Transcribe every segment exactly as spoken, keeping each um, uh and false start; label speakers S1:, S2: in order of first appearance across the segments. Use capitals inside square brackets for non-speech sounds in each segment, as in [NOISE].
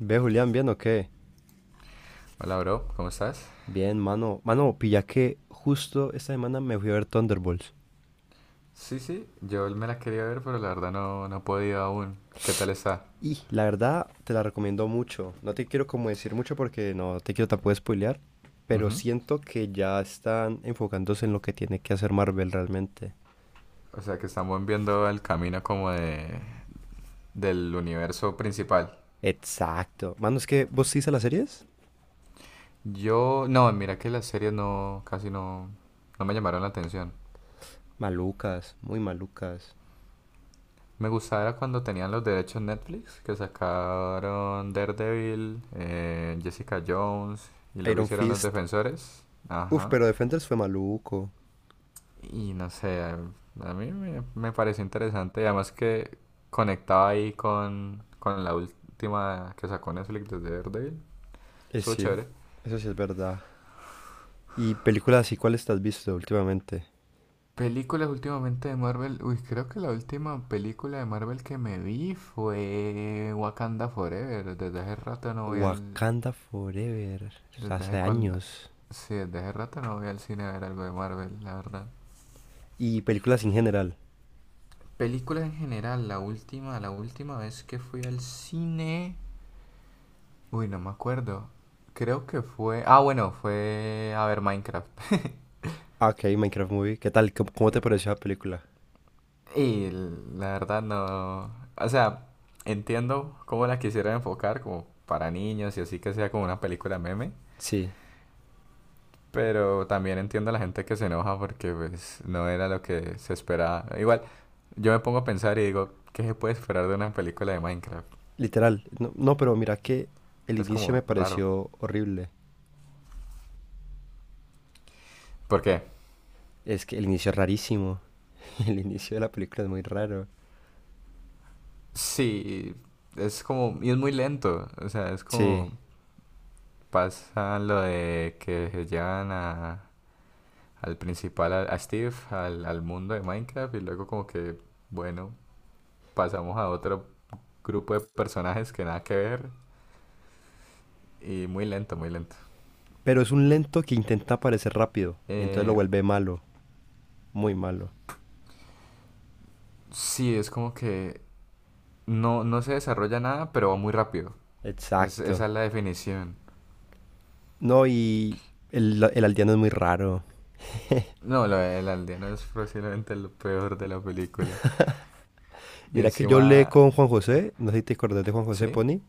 S1: Ve, Julián, ¿bien o qué?
S2: Hola, bro, ¿cómo estás?
S1: Bien, mano. Mano, pilla que justo esta semana me fui a ver Thunderbolts.
S2: Sí, sí, yo me la quería ver, pero la verdad no, no he podido aún. ¿Qué tal está?
S1: Y la verdad, te la recomiendo mucho. No te quiero como decir mucho porque no te quiero tampoco spoilear. Pero
S2: Ujú.
S1: siento que ya están enfocándose en lo que tiene que hacer Marvel realmente.
S2: O sea, que estamos viendo el camino como de, del universo principal.
S1: Exacto. Mano, ¿es que vos sí a las series?
S2: Yo, no, mira que las series no, casi no, no me llamaron la atención.
S1: Malucas, muy malucas.
S2: Me gustaba era cuando tenían los derechos Netflix, que sacaron Daredevil, eh, Jessica Jones, y luego
S1: Iron
S2: hicieron Los
S1: Fist.
S2: Defensores.
S1: Uf,
S2: Ajá.
S1: pero Defenders fue maluco.
S2: Y no sé, a a mí me, me pareció interesante. Y además que conectaba ahí con, con la última que sacó Netflix desde Daredevil.
S1: Eh,
S2: Estuvo
S1: sí,
S2: chévere.
S1: eso sí es verdad. ¿Y películas así cuáles te has visto últimamente?
S2: Películas últimamente de Marvel. Uy, creo que la última película de Marvel que me vi fue Wakanda Forever. Desde hace rato no voy al...
S1: Wakanda Forever,
S2: Desde
S1: hace
S2: hace cuando
S1: años.
S2: sí, desde hace rato no voy al cine a ver algo de Marvel, la verdad.
S1: Y películas en general.
S2: Películas en general, la última, la última vez que fui al cine... Uy, no me acuerdo. Creo que fue... Ah, bueno, fue a ver Minecraft. [LAUGHS]
S1: Ah, ok, Minecraft Movie. ¿Qué tal? ¿Cómo, cómo te pareció la película?
S2: Y la verdad no... O sea, entiendo cómo la quisiera enfocar como para niños y así que sea como una película meme.
S1: Sí,
S2: Pero también entiendo a la gente que se enoja porque pues no era lo que se esperaba. Igual, yo me pongo a pensar y digo, ¿qué se puede esperar de una película de Minecraft?
S1: literal. No, no, pero mira que el
S2: Es
S1: inicio me
S2: como raro.
S1: pareció horrible.
S2: ¿Por qué?
S1: Es que el inicio es rarísimo. [LAUGHS] El inicio de la película es muy raro.
S2: Sí, es como... Y es muy lento. O sea, es
S1: Sí,
S2: como... Pasa lo de que se llevan a- al principal, a, a Steve, al, al mundo de Minecraft y luego como que, bueno, pasamos a otro grupo de personajes que nada que ver y muy lento, muy lento.
S1: pero es un lento que intenta parecer rápido. Entonces lo
S2: Eh,
S1: vuelve malo, muy malo.
S2: sí, es como que no, no se desarrolla nada, pero va muy rápido. Es, esa
S1: Exacto.
S2: es la definición.
S1: No, y el, el aldeano es muy raro.
S2: No, lo del aldeano es posiblemente lo peor de la película. Y
S1: Mira que yo hablé
S2: encima,
S1: con Juan José, no sé si te acordás de Juan José
S2: ¿sí?
S1: Pony.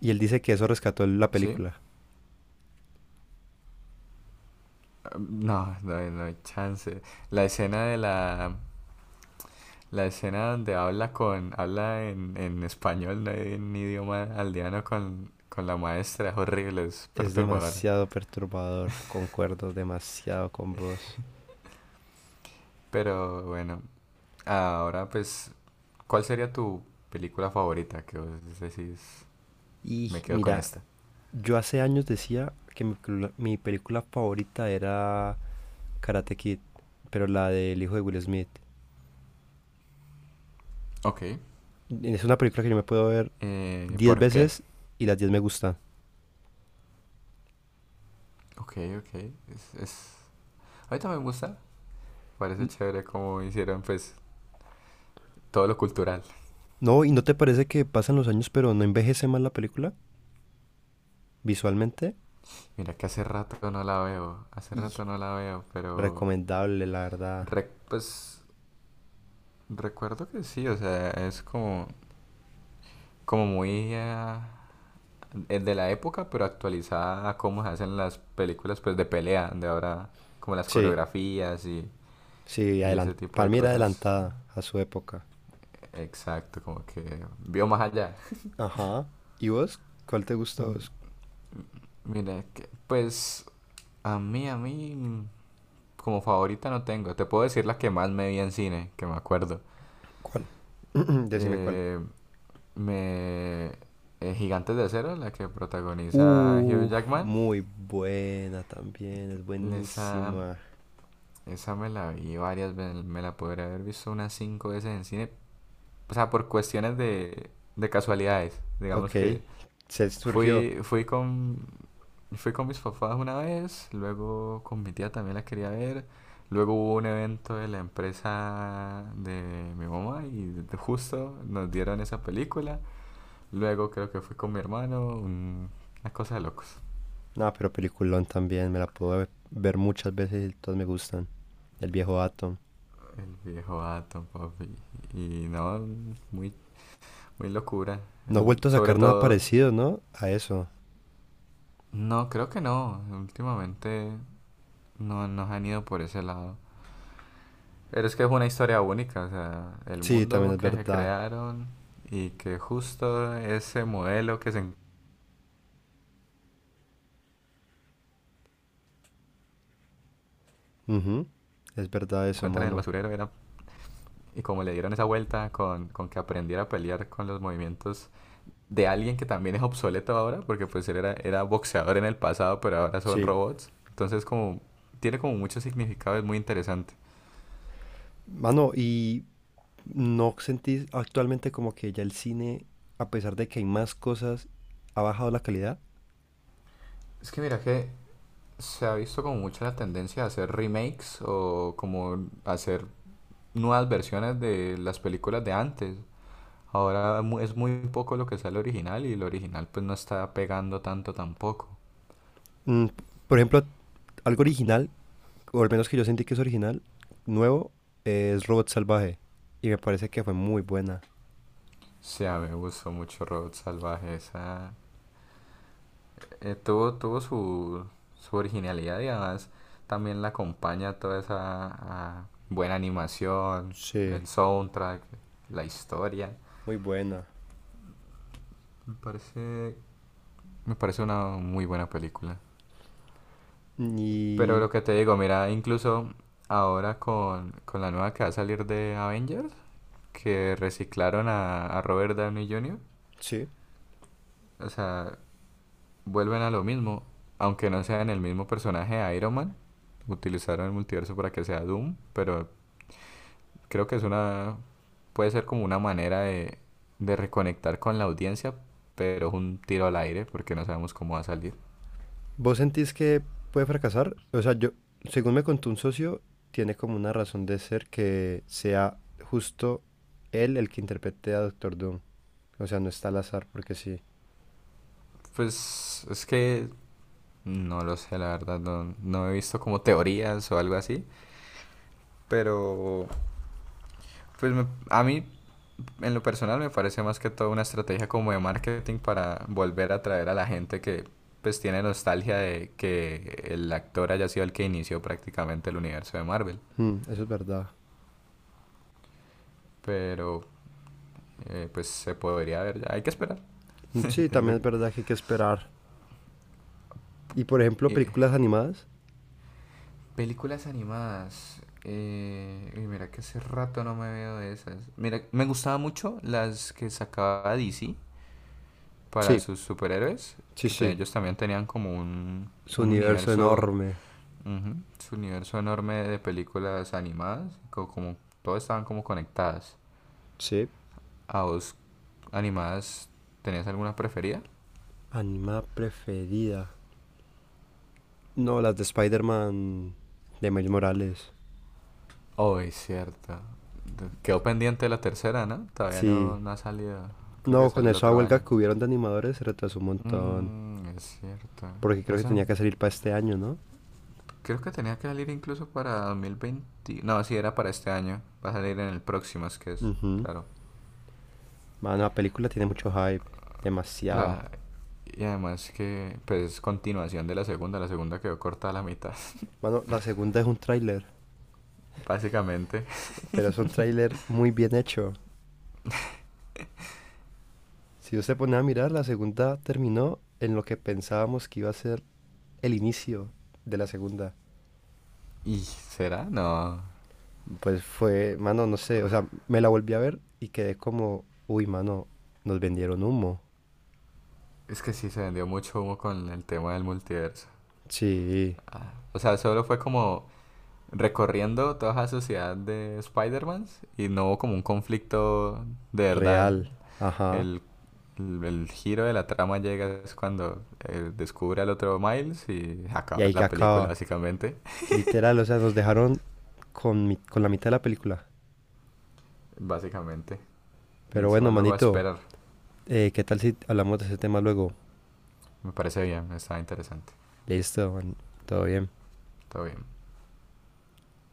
S1: Y él dice que eso rescató la
S2: ¿Sí?
S1: película.
S2: Um, No, no hay, no hay chance. La escena de la, La escena donde habla con, habla en, en español, no en idioma aldeano con, con la maestra, es horrible, es
S1: Es
S2: perturbadora.
S1: demasiado perturbador, concuerdo demasiado con vos.
S2: Pero bueno, ahora pues, ¿cuál sería tu película favorita? Que vos decís,
S1: Y
S2: me quedo con
S1: mira,
S2: esta.
S1: yo hace años decía que mi, mi película favorita era Karate Kid, pero la del hijo de Will Smith.
S2: Ok.
S1: Es una película que yo me puedo ver
S2: Eh,
S1: diez
S2: ¿por qué?
S1: veces y las diez me gustan.
S2: Ok, ok. Es, es... Ahorita me gusta, parece
S1: N-
S2: chévere cómo hicieron pues todo lo cultural.
S1: No, ¿y no te parece que pasan los años pero no envejece mal la película visualmente?
S2: Mira que hace rato no la veo, hace
S1: Y
S2: rato no la veo, pero
S1: recomendable, la verdad.
S2: rec- pues recuerdo que sí, o sea, es como, como muy ah, eh, es de la época, pero actualizada a cómo se hacen las películas pues de pelea, de ahora, como las
S1: Sí,
S2: coreografías y,
S1: sí,
S2: y
S1: adelan-
S2: ese tipo
S1: para
S2: de
S1: mí era
S2: cosas.
S1: adelantada a su época.
S2: Exacto, como que vio más allá.
S1: Ajá. ¿Y vos? ¿Cuál te gusta a
S2: Mm,
S1: vos?
S2: Mira, que, pues a mí, a mí, mm, como favorita no tengo. Te puedo decir la que más me vi en cine, que me acuerdo.
S1: ¿Cuál? [CLEARS THROAT] Decime cuál.
S2: Eh, me... eh, Gigantes de Acero, la que protagoniza Hugh
S1: Uf,
S2: Jackman.
S1: muy buena también, es
S2: Esa,
S1: buenísima.
S2: Esa me la vi varias veces, me la podría haber visto unas cinco veces en cine. O sea, por cuestiones de, de casualidades. Digamos
S1: Ok,
S2: que
S1: se surgió.
S2: fui, fui con, fui con mis papás una vez, luego con mi tía también la quería ver. Luego hubo un evento de la empresa de mi mamá y de- justo nos dieron esa película. Luego creo que fui con mi hermano, un- una cosa de locos.
S1: No, pero peliculón también, me la puedo ve- ver muchas veces y todas me gustan. El viejo Atom.
S2: El viejo Atom, papi. Y no, muy, muy locura.
S1: No ha
S2: El-
S1: vuelto a
S2: sobre
S1: sacar nada
S2: todo
S1: parecido, ¿no? A eso.
S2: no, creo que no. Últimamente no nos han ido por ese lado. Pero es que es una historia única, o sea, el
S1: Sí, también
S2: mundo
S1: es
S2: que se
S1: verdad.
S2: crearon y que justo ese modelo que se
S1: Ujú, es verdad eso,
S2: encuentra en el
S1: mano.
S2: basurero era... Y como le dieron esa vuelta con, con que aprendiera a pelear con los movimientos de alguien que también es obsoleto ahora, porque pues él era, era boxeador en el pasado, pero ahora son
S1: Sí.
S2: robots. Entonces como tiene como mucho significado, es muy interesante.
S1: Mano, y ¿no sentís actualmente como que ya el cine, a pesar de que hay más cosas, ha bajado la calidad?
S2: Es que mira que se ha visto como mucho la tendencia a hacer remakes o como hacer nuevas versiones de las películas de antes. Ahora mu- es muy poco lo que sale original y el original pues no está pegando tanto tampoco.
S1: Mm, p- por ejemplo, algo original, o al menos que yo sentí que es original, nuevo, es Robot Salvaje. Y me parece que fue muy buena.
S2: Sí, a mí me gustó mucho Robot Salvaje. Esa, eh, tuvo tuvo su, su originalidad y además también la acompaña toda esa ah, buena animación,
S1: Sí.
S2: el soundtrack, la historia.
S1: Muy buena.
S2: Me parece, me parece una muy buena película. Pero
S1: Y
S2: lo que te digo, mira, incluso ahora con, con la nueva que va a salir de Avengers, que reciclaron a, a Robert Downey junior,
S1: sí.
S2: o sea, vuelven a lo mismo, aunque no sean el mismo personaje de Iron Man, utilizaron el multiverso para que sea Doom, pero creo que es una, puede ser como una manera de, de reconectar con la audiencia, pero es un tiro al aire porque no sabemos cómo va a salir.
S1: ¿Vos sentís que puede fracasar? O sea, yo, según me contó un socio, tiene como una razón de ser que sea justo él el que interprete a Doctor Doom. O sea, no está al azar porque sí.
S2: Pues es que no lo sé, la verdad, no, no he visto como teorías o algo así. Pero, pues me- a mí, en lo personal, me parece más que todo una estrategia como de marketing para volver a atraer a la gente que, pues, tiene nostalgia de que el actor haya sido el que inició prácticamente el universo de Marvel.
S1: Mm, eso es verdad.
S2: Pero, eh, pues, se podría ver ya. Hay que esperar.
S1: Mm, sí,
S2: [LAUGHS] Es lo
S1: también es
S2: que-
S1: verdad que hay que esperar. Y por ejemplo,
S2: y-
S1: películas animadas.
S2: películas animadas. eh, uy, mira que hace rato no me veo de esas. Mira, me gustaba mucho las que sacaba D C para
S1: Sí,
S2: sus superhéroes,
S1: sí,
S2: que te-
S1: sí.
S2: ellos también tenían como un,
S1: Su
S2: un
S1: universo
S2: universo,
S1: enorme.
S2: ujú, su universo enorme de películas animadas, como como todas estaban como conectadas.
S1: Sí.
S2: ¿A vos animadas tenías alguna preferida?
S1: Animada preferida. No, las de Spider-Man de Miles Morales.
S2: Oh, es cierto. Quedó pendiente la tercera, ¿no? Todavía
S1: Sí.
S2: no, no ha salido. Creo que
S1: No, con
S2: sale el
S1: esa
S2: otro
S1: huelga
S2: año.
S1: que hubieron de animadores se retrasó un montón.
S2: Mm, es cierto.
S1: Porque creo que
S2: Eso no-
S1: tenía que salir para este año, ¿no?
S2: creo que tenía que salir incluso para dos mil veinte. No, sí, era para este año. Va a salir en el próximo, es que es,
S1: Ujú.
S2: claro.
S1: Mano, la película tiene mucho hype. Demasiado.
S2: La, y además que pues es continuación de la segunda, la segunda quedó corta a la mitad,
S1: Mano, la segunda es un tráiler.
S2: [LAUGHS] básicamente.
S1: Pero es un tráiler muy bien hecho. Si usted pone a mirar, la segunda terminó en lo que pensábamos que iba a ser el inicio de la segunda.
S2: ¿Y será? No.
S1: Pues fue, mano, no sé, o sea, me la volví a ver y quedé como, uy, mano, nos vendieron humo.
S2: Es que sí se vendió mucho humo con el tema del multiverso.
S1: Sí,
S2: Ah, o sea, solo fue como recorriendo toda la sociedad de Spider-Man y no hubo como un conflicto de verdad.
S1: real, ajá.
S2: El, el, el giro de la trama llega es cuando eh, descubre al otro Miles y
S1: Y
S2: acaba
S1: ahí que
S2: la película
S1: acaba.
S2: básicamente.
S1: Literal, o sea, nos dejaron con, mi- con la mitad de la película.
S2: Básicamente. Y
S1: Pero bueno,
S2: encima luego a
S1: manito,
S2: esperar.
S1: eh, ¿qué tal si hablamos de ese tema luego?
S2: Me parece bien, está interesante.
S1: Listo, man, todo bien.
S2: Está bien.